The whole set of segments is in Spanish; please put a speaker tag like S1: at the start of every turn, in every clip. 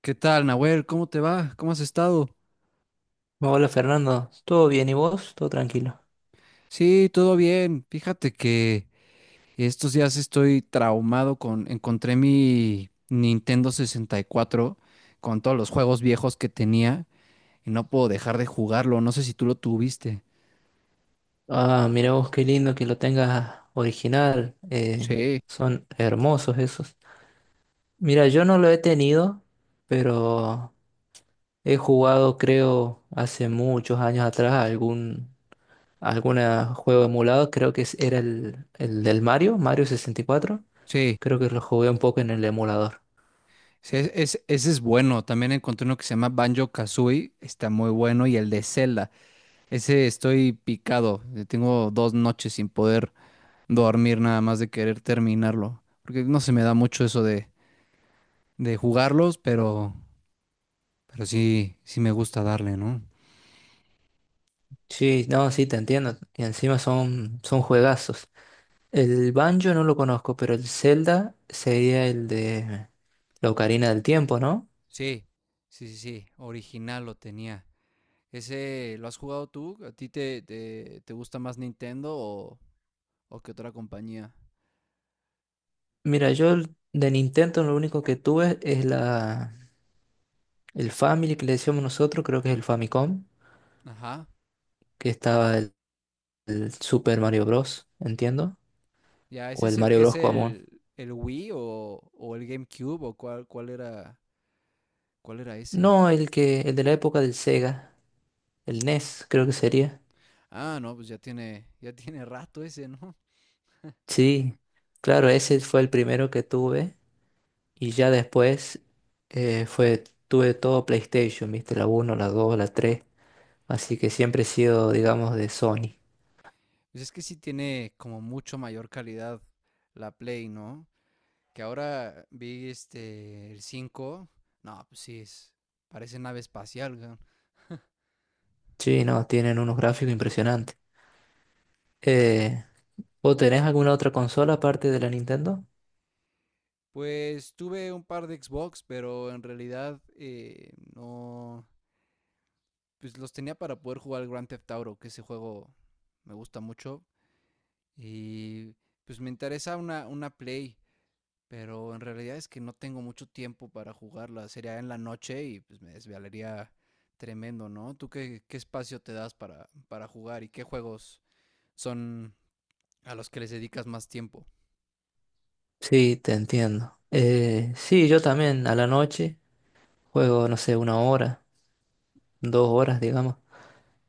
S1: ¿Qué tal, Nahuel? ¿Cómo te va? ¿Cómo has estado?
S2: Hola Fernando, ¿todo bien y vos? ¿Todo tranquilo?
S1: Sí, todo bien. Fíjate que estos días estoy traumado Encontré mi Nintendo 64 con todos los juegos viejos que tenía y no puedo dejar de jugarlo. No sé si tú lo tuviste.
S2: Ah, mira vos qué lindo que lo tengas original,
S1: Sí,
S2: son hermosos esos. Mira, yo no lo he tenido, pero he jugado creo hace muchos años atrás algún alguna juego emulado, creo que era el del Mario, Mario 64,
S1: sí.
S2: creo que lo jugué un poco en el emulador.
S1: Sí, ese es bueno. También encontré uno que se llama Banjo Kazooie. Está muy bueno. Y el de Zelda. Ese estoy picado. Tengo 2 noches sin poder dormir, nada más de querer terminarlo. Porque no se me da mucho eso de jugarlos, pero sí, sí me gusta darle, ¿no?
S2: Sí, no, sí, te entiendo, y encima son juegazos. El banjo no lo conozco, pero el Zelda sería el de la Ocarina del Tiempo, ¿no?
S1: Sí, sí, sí, sí. Original lo tenía. ¿Ese lo has jugado tú? ¿A ti te gusta más Nintendo o qué otra compañía?
S2: Mira, yo de Nintendo lo único que tuve es el Family que le decíamos nosotros, creo que es el Famicom,
S1: Ajá.
S2: que estaba el Super Mario Bros., entiendo,
S1: Ya, ese
S2: o el
S1: es el
S2: Mario
S1: que es
S2: Bros. Común.
S1: el Wii o el GameCube o cuál era ese.
S2: No, el de la época del Sega, el NES, creo que sería.
S1: Ah, no, pues ya tiene rato ese, ¿no?
S2: Sí, claro, ese fue el primero que tuve y ya después tuve todo PlayStation, ¿viste? La uno, la 2, la 3. Así que siempre he sido, digamos, de Sony.
S1: Pues es que sí tiene como mucho mayor calidad la Play, ¿no? Que ahora vi el 5, no, pues sí es parece nave espacial, güey.
S2: Sí, no, tienen unos gráficos impresionantes. Eh, ¿Vos tenés alguna otra consola aparte de la Nintendo?
S1: Pues tuve un par de Xbox, pero en realidad, no, pues los tenía para poder jugar el Grand Theft Auto, que ese juego me gusta mucho, y pues me interesa una Play. Pero en realidad es que no tengo mucho tiempo para jugarla. Sería en la noche y pues me desvelaría tremendo, ¿no? ¿Tú qué espacio te das para jugar, y qué juegos son a los que les dedicas más tiempo?
S2: Sí, te entiendo. Sí, yo también a la noche juego, no sé, una hora, 2 horas, digamos.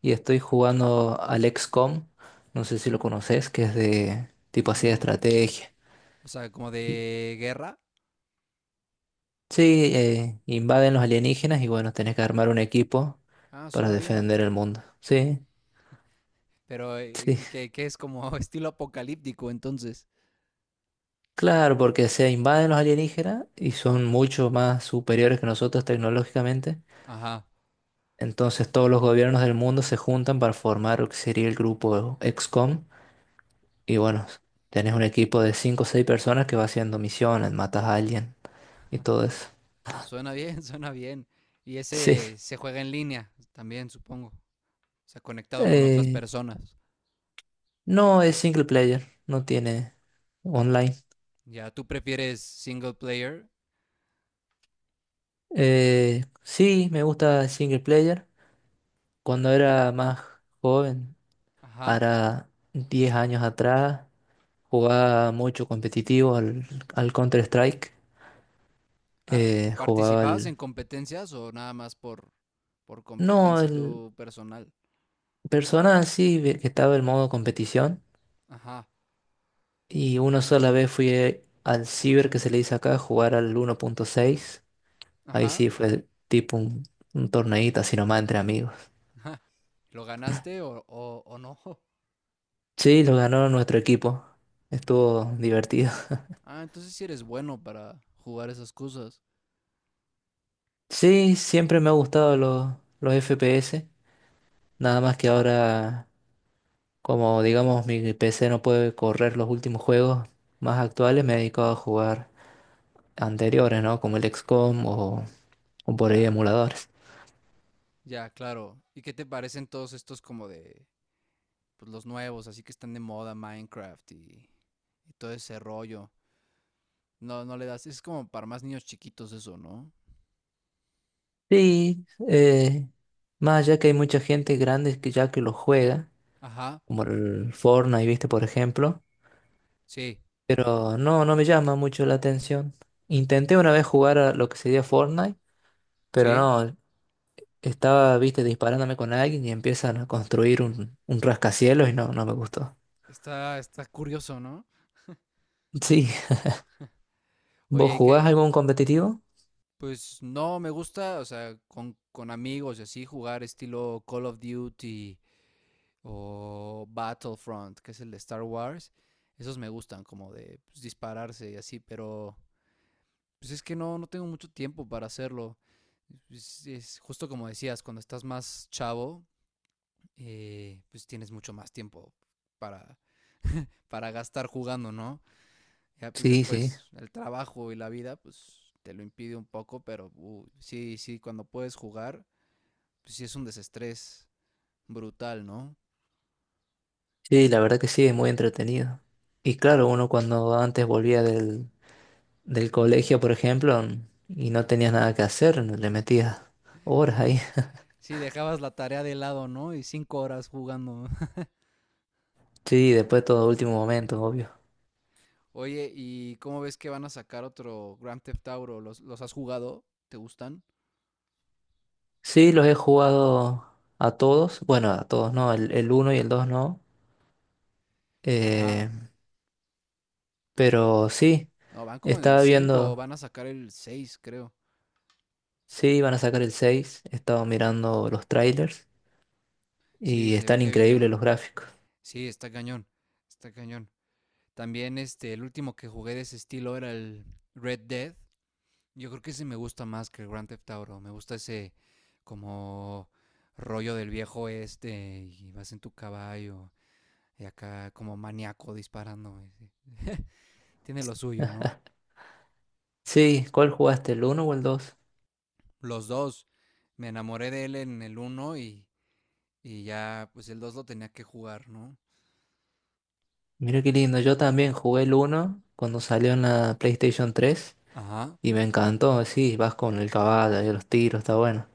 S2: Y estoy jugando al XCOM, no sé si lo conoces, que es de tipo así de
S1: No.
S2: estrategia.
S1: O sea, como
S2: Y,
S1: de guerra.
S2: sí, invaden los alienígenas y bueno, tenés que armar un equipo
S1: Ah,
S2: para
S1: suena bien.
S2: defender el mundo. Sí,
S1: Pero
S2: sí,
S1: y que es como estilo apocalíptico, entonces.
S2: claro, porque se invaden los alienígenas y son mucho más superiores que nosotros tecnológicamente.
S1: Ajá.
S2: Entonces todos los gobiernos del mundo se juntan para formar lo que sería el grupo XCOM. Y bueno, tenés un equipo de 5 o 6 personas que va haciendo misiones, matas a alguien y todo eso.
S1: Suena bien, suena bien. Y
S2: Sí.
S1: ese se juega en línea también, supongo. O sea, conectado con otras
S2: Eh,
S1: personas.
S2: no es single player, no tiene online.
S1: Ya, ¿tú prefieres single player?
S2: Sí, me gusta el single player. Cuando era más joven,
S1: Ajá.
S2: ahora 10 años atrás. Jugaba mucho competitivo al Counter-Strike.
S1: Ah,
S2: eh, jugaba
S1: ¿participabas
S2: al...
S1: en competencias o nada más por
S2: No,
S1: competencia
S2: el
S1: tu personal?
S2: Persona sí, que estaba el modo competición.
S1: Ajá,
S2: Y una sola vez fui al Ciber que se le dice acá, a jugar al 1.6. Ahí
S1: ajá, ajá.
S2: sí fue tipo un torneíto así nomás entre amigos.
S1: ¿Lo ganaste o, o no?
S2: Sí, lo ganó nuestro equipo. Estuvo divertido.
S1: Ah, entonces sí eres bueno para jugar esas cosas.
S2: Sí, siempre me ha gustado los FPS. Nada más que ahora... Como digamos mi PC no puede correr los últimos juegos más actuales, me he dedicado a jugar anteriores, ¿no? Como el XCOM o por
S1: Ya,
S2: ahí emuladores.
S1: ya, claro. ¿Y qué te parecen todos estos como de, pues los nuevos, así que están de moda, Minecraft y todo ese rollo? No, no le das, es como para más niños chiquitos eso, ¿no?
S2: Sí, más allá que hay mucha gente grande que ya que lo juega,
S1: Ajá,
S2: como el Fortnite, ¿viste? Por ejemplo,
S1: sí,
S2: pero no, no me llama mucho la atención. Intenté una vez jugar a lo que sería Fortnite, pero
S1: sí.
S2: no, estaba, ¿viste? Disparándome con alguien y empiezan a construir un rascacielos y no, no me gustó.
S1: Está curioso, ¿no?
S2: Sí. ¿Vos
S1: Oye, ¿y
S2: jugás
S1: qué?
S2: algún competitivo?
S1: Pues no, me gusta, o sea, con amigos y así, jugar estilo Call of Duty o Battlefront, que es el de Star Wars. Esos me gustan, como de, pues, dispararse y así, pero pues es que no tengo mucho tiempo para hacerlo. Es justo como decías, cuando estás más chavo, pues tienes mucho más tiempo para, para gastar jugando, ¿no? Ya pues
S2: Sí, sí.
S1: después el trabajo y la vida, pues te lo impide un poco, pero sí, sí, cuando puedes jugar, pues sí es un desestrés brutal, ¿no?
S2: Sí, la verdad que sí, es muy entretenido. Y claro, uno cuando antes volvía del colegio, por ejemplo, y no tenías nada que hacer, le metías horas ahí.
S1: Sí, dejabas la tarea de lado, ¿no? Y 5 horas jugando.
S2: Sí, después todo último momento, obvio.
S1: Oye, ¿y cómo ves que van a sacar otro Grand Theft Auto? ¿Los has jugado? ¿Te gustan?
S2: Sí, los he jugado a todos. Bueno, a todos no, el uno y el 2, no.
S1: Ajá.
S2: Eh, pero sí,
S1: No, van como en el
S2: estaba
S1: cinco,
S2: viendo,
S1: van a sacar el seis, creo.
S2: sí, iban a sacar el 6, estaba mirando los trailers
S1: Sí,
S2: y
S1: se ve
S2: están
S1: que
S2: increíbles
S1: viene.
S2: los gráficos.
S1: Sí, está cañón. Está cañón. También el último que jugué de ese estilo era el Red Dead. Yo creo que ese me gusta más que el Grand Theft Auto. Me gusta ese como rollo del viejo este, y vas en tu caballo y acá como maníaco disparando, ese. Tiene lo suyo, ¿no?
S2: Sí, ¿cuál jugaste? ¿El uno o el dos?
S1: Los dos. Me enamoré de él en el uno, y ya pues el 2 lo tenía que jugar, ¿no?
S2: Mira qué lindo, yo también jugué el uno cuando salió en la PlayStation 3
S1: Ajá.
S2: y me encantó, sí, vas con el caballo y los tiros, está bueno.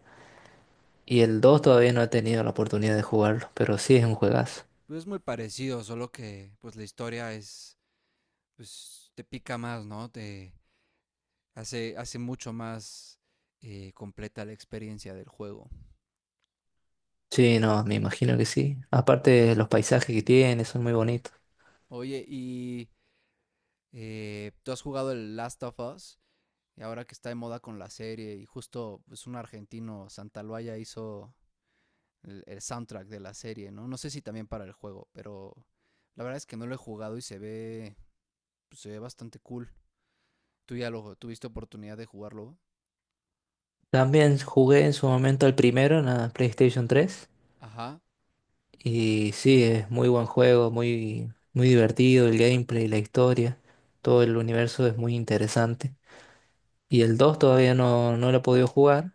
S2: Y el 2 todavía no he tenido la oportunidad de jugarlo, pero sí es un juegazo.
S1: Pues es muy parecido, solo que pues la historia es, pues te pica más, ¿no? Te hace mucho más, completa la experiencia del juego.
S2: Sí, no, me imagino que sí. Aparte los paisajes que tiene son muy bonitos.
S1: Oye, tú has jugado el Last of Us, y ahora que está de moda con la serie, y justo, pues, un argentino, Santaloaya, hizo el soundtrack de la serie, ¿no? No sé si también para el juego, pero la verdad es que no lo he jugado y se ve bastante cool. Tú ya lo tuviste oportunidad de jugarlo.
S2: También jugué en su momento el primero en la PlayStation 3
S1: Ajá,
S2: y sí, es muy buen juego, muy, muy divertido el gameplay, la historia, todo el universo es muy interesante. Y el 2 todavía no, no lo he podido jugar,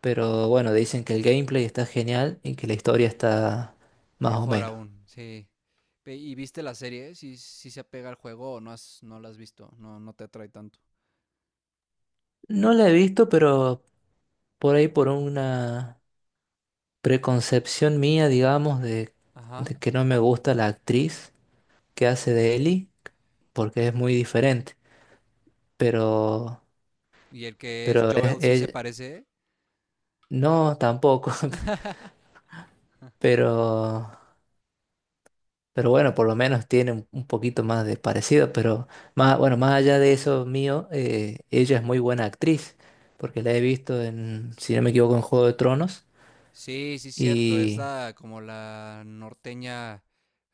S2: pero bueno, dicen que el gameplay está genial y que la historia está más o
S1: mejor
S2: menos.
S1: aún, sí. ¿Y viste la serie? ¿Si, se apega al juego o no, no la has visto? No, no te atrae tanto.
S2: No la he visto, pero por ahí por una preconcepción mía, digamos, de,
S1: Ajá.
S2: de que no me gusta la actriz que hace de Ellie, porque es muy diferente. Pero,
S1: ¿Y el que es
S2: pero
S1: Joel sí se parece?
S2: no tampoco, pero Pero bueno, por lo menos tiene un poquito más de parecido, pero más, bueno, más allá de eso mío, ella es muy buena actriz, porque la he visto en, si no me equivoco, en Juego de Tronos.
S1: Sí, sí, cierto, es
S2: Y
S1: la como la norteña,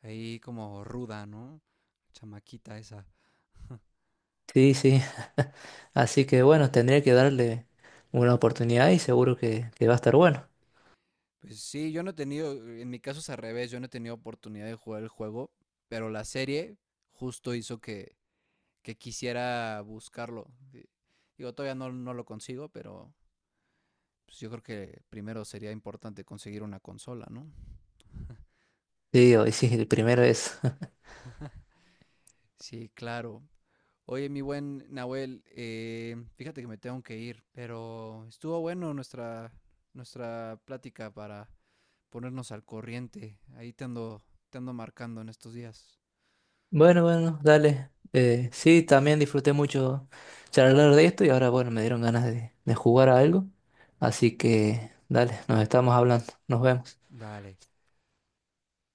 S1: ahí como ruda, ¿no? Chamaquita esa.
S2: sí, sí. Así que bueno, tendría que darle una oportunidad y seguro que va a estar bueno.
S1: Pues sí, yo no he tenido, en mi caso es al revés, yo no he tenido oportunidad de jugar el juego, pero la serie justo hizo que quisiera buscarlo. Digo, todavía no lo consigo, pero pues, yo creo que primero sería importante conseguir una consola, ¿no?
S2: Sí, hoy sí, el primero es.
S1: Sí, claro. Oye, mi buen Nahuel, fíjate que me tengo que ir, pero estuvo bueno nuestra plática para ponernos al corriente. Ahí te ando marcando en estos días.
S2: Bueno, bueno, dale. Sí, también disfruté mucho charlar de esto y ahora, bueno, me dieron ganas de jugar a algo. Así que, dale, nos estamos hablando. Nos
S1: Mm,
S2: vemos.
S1: dale.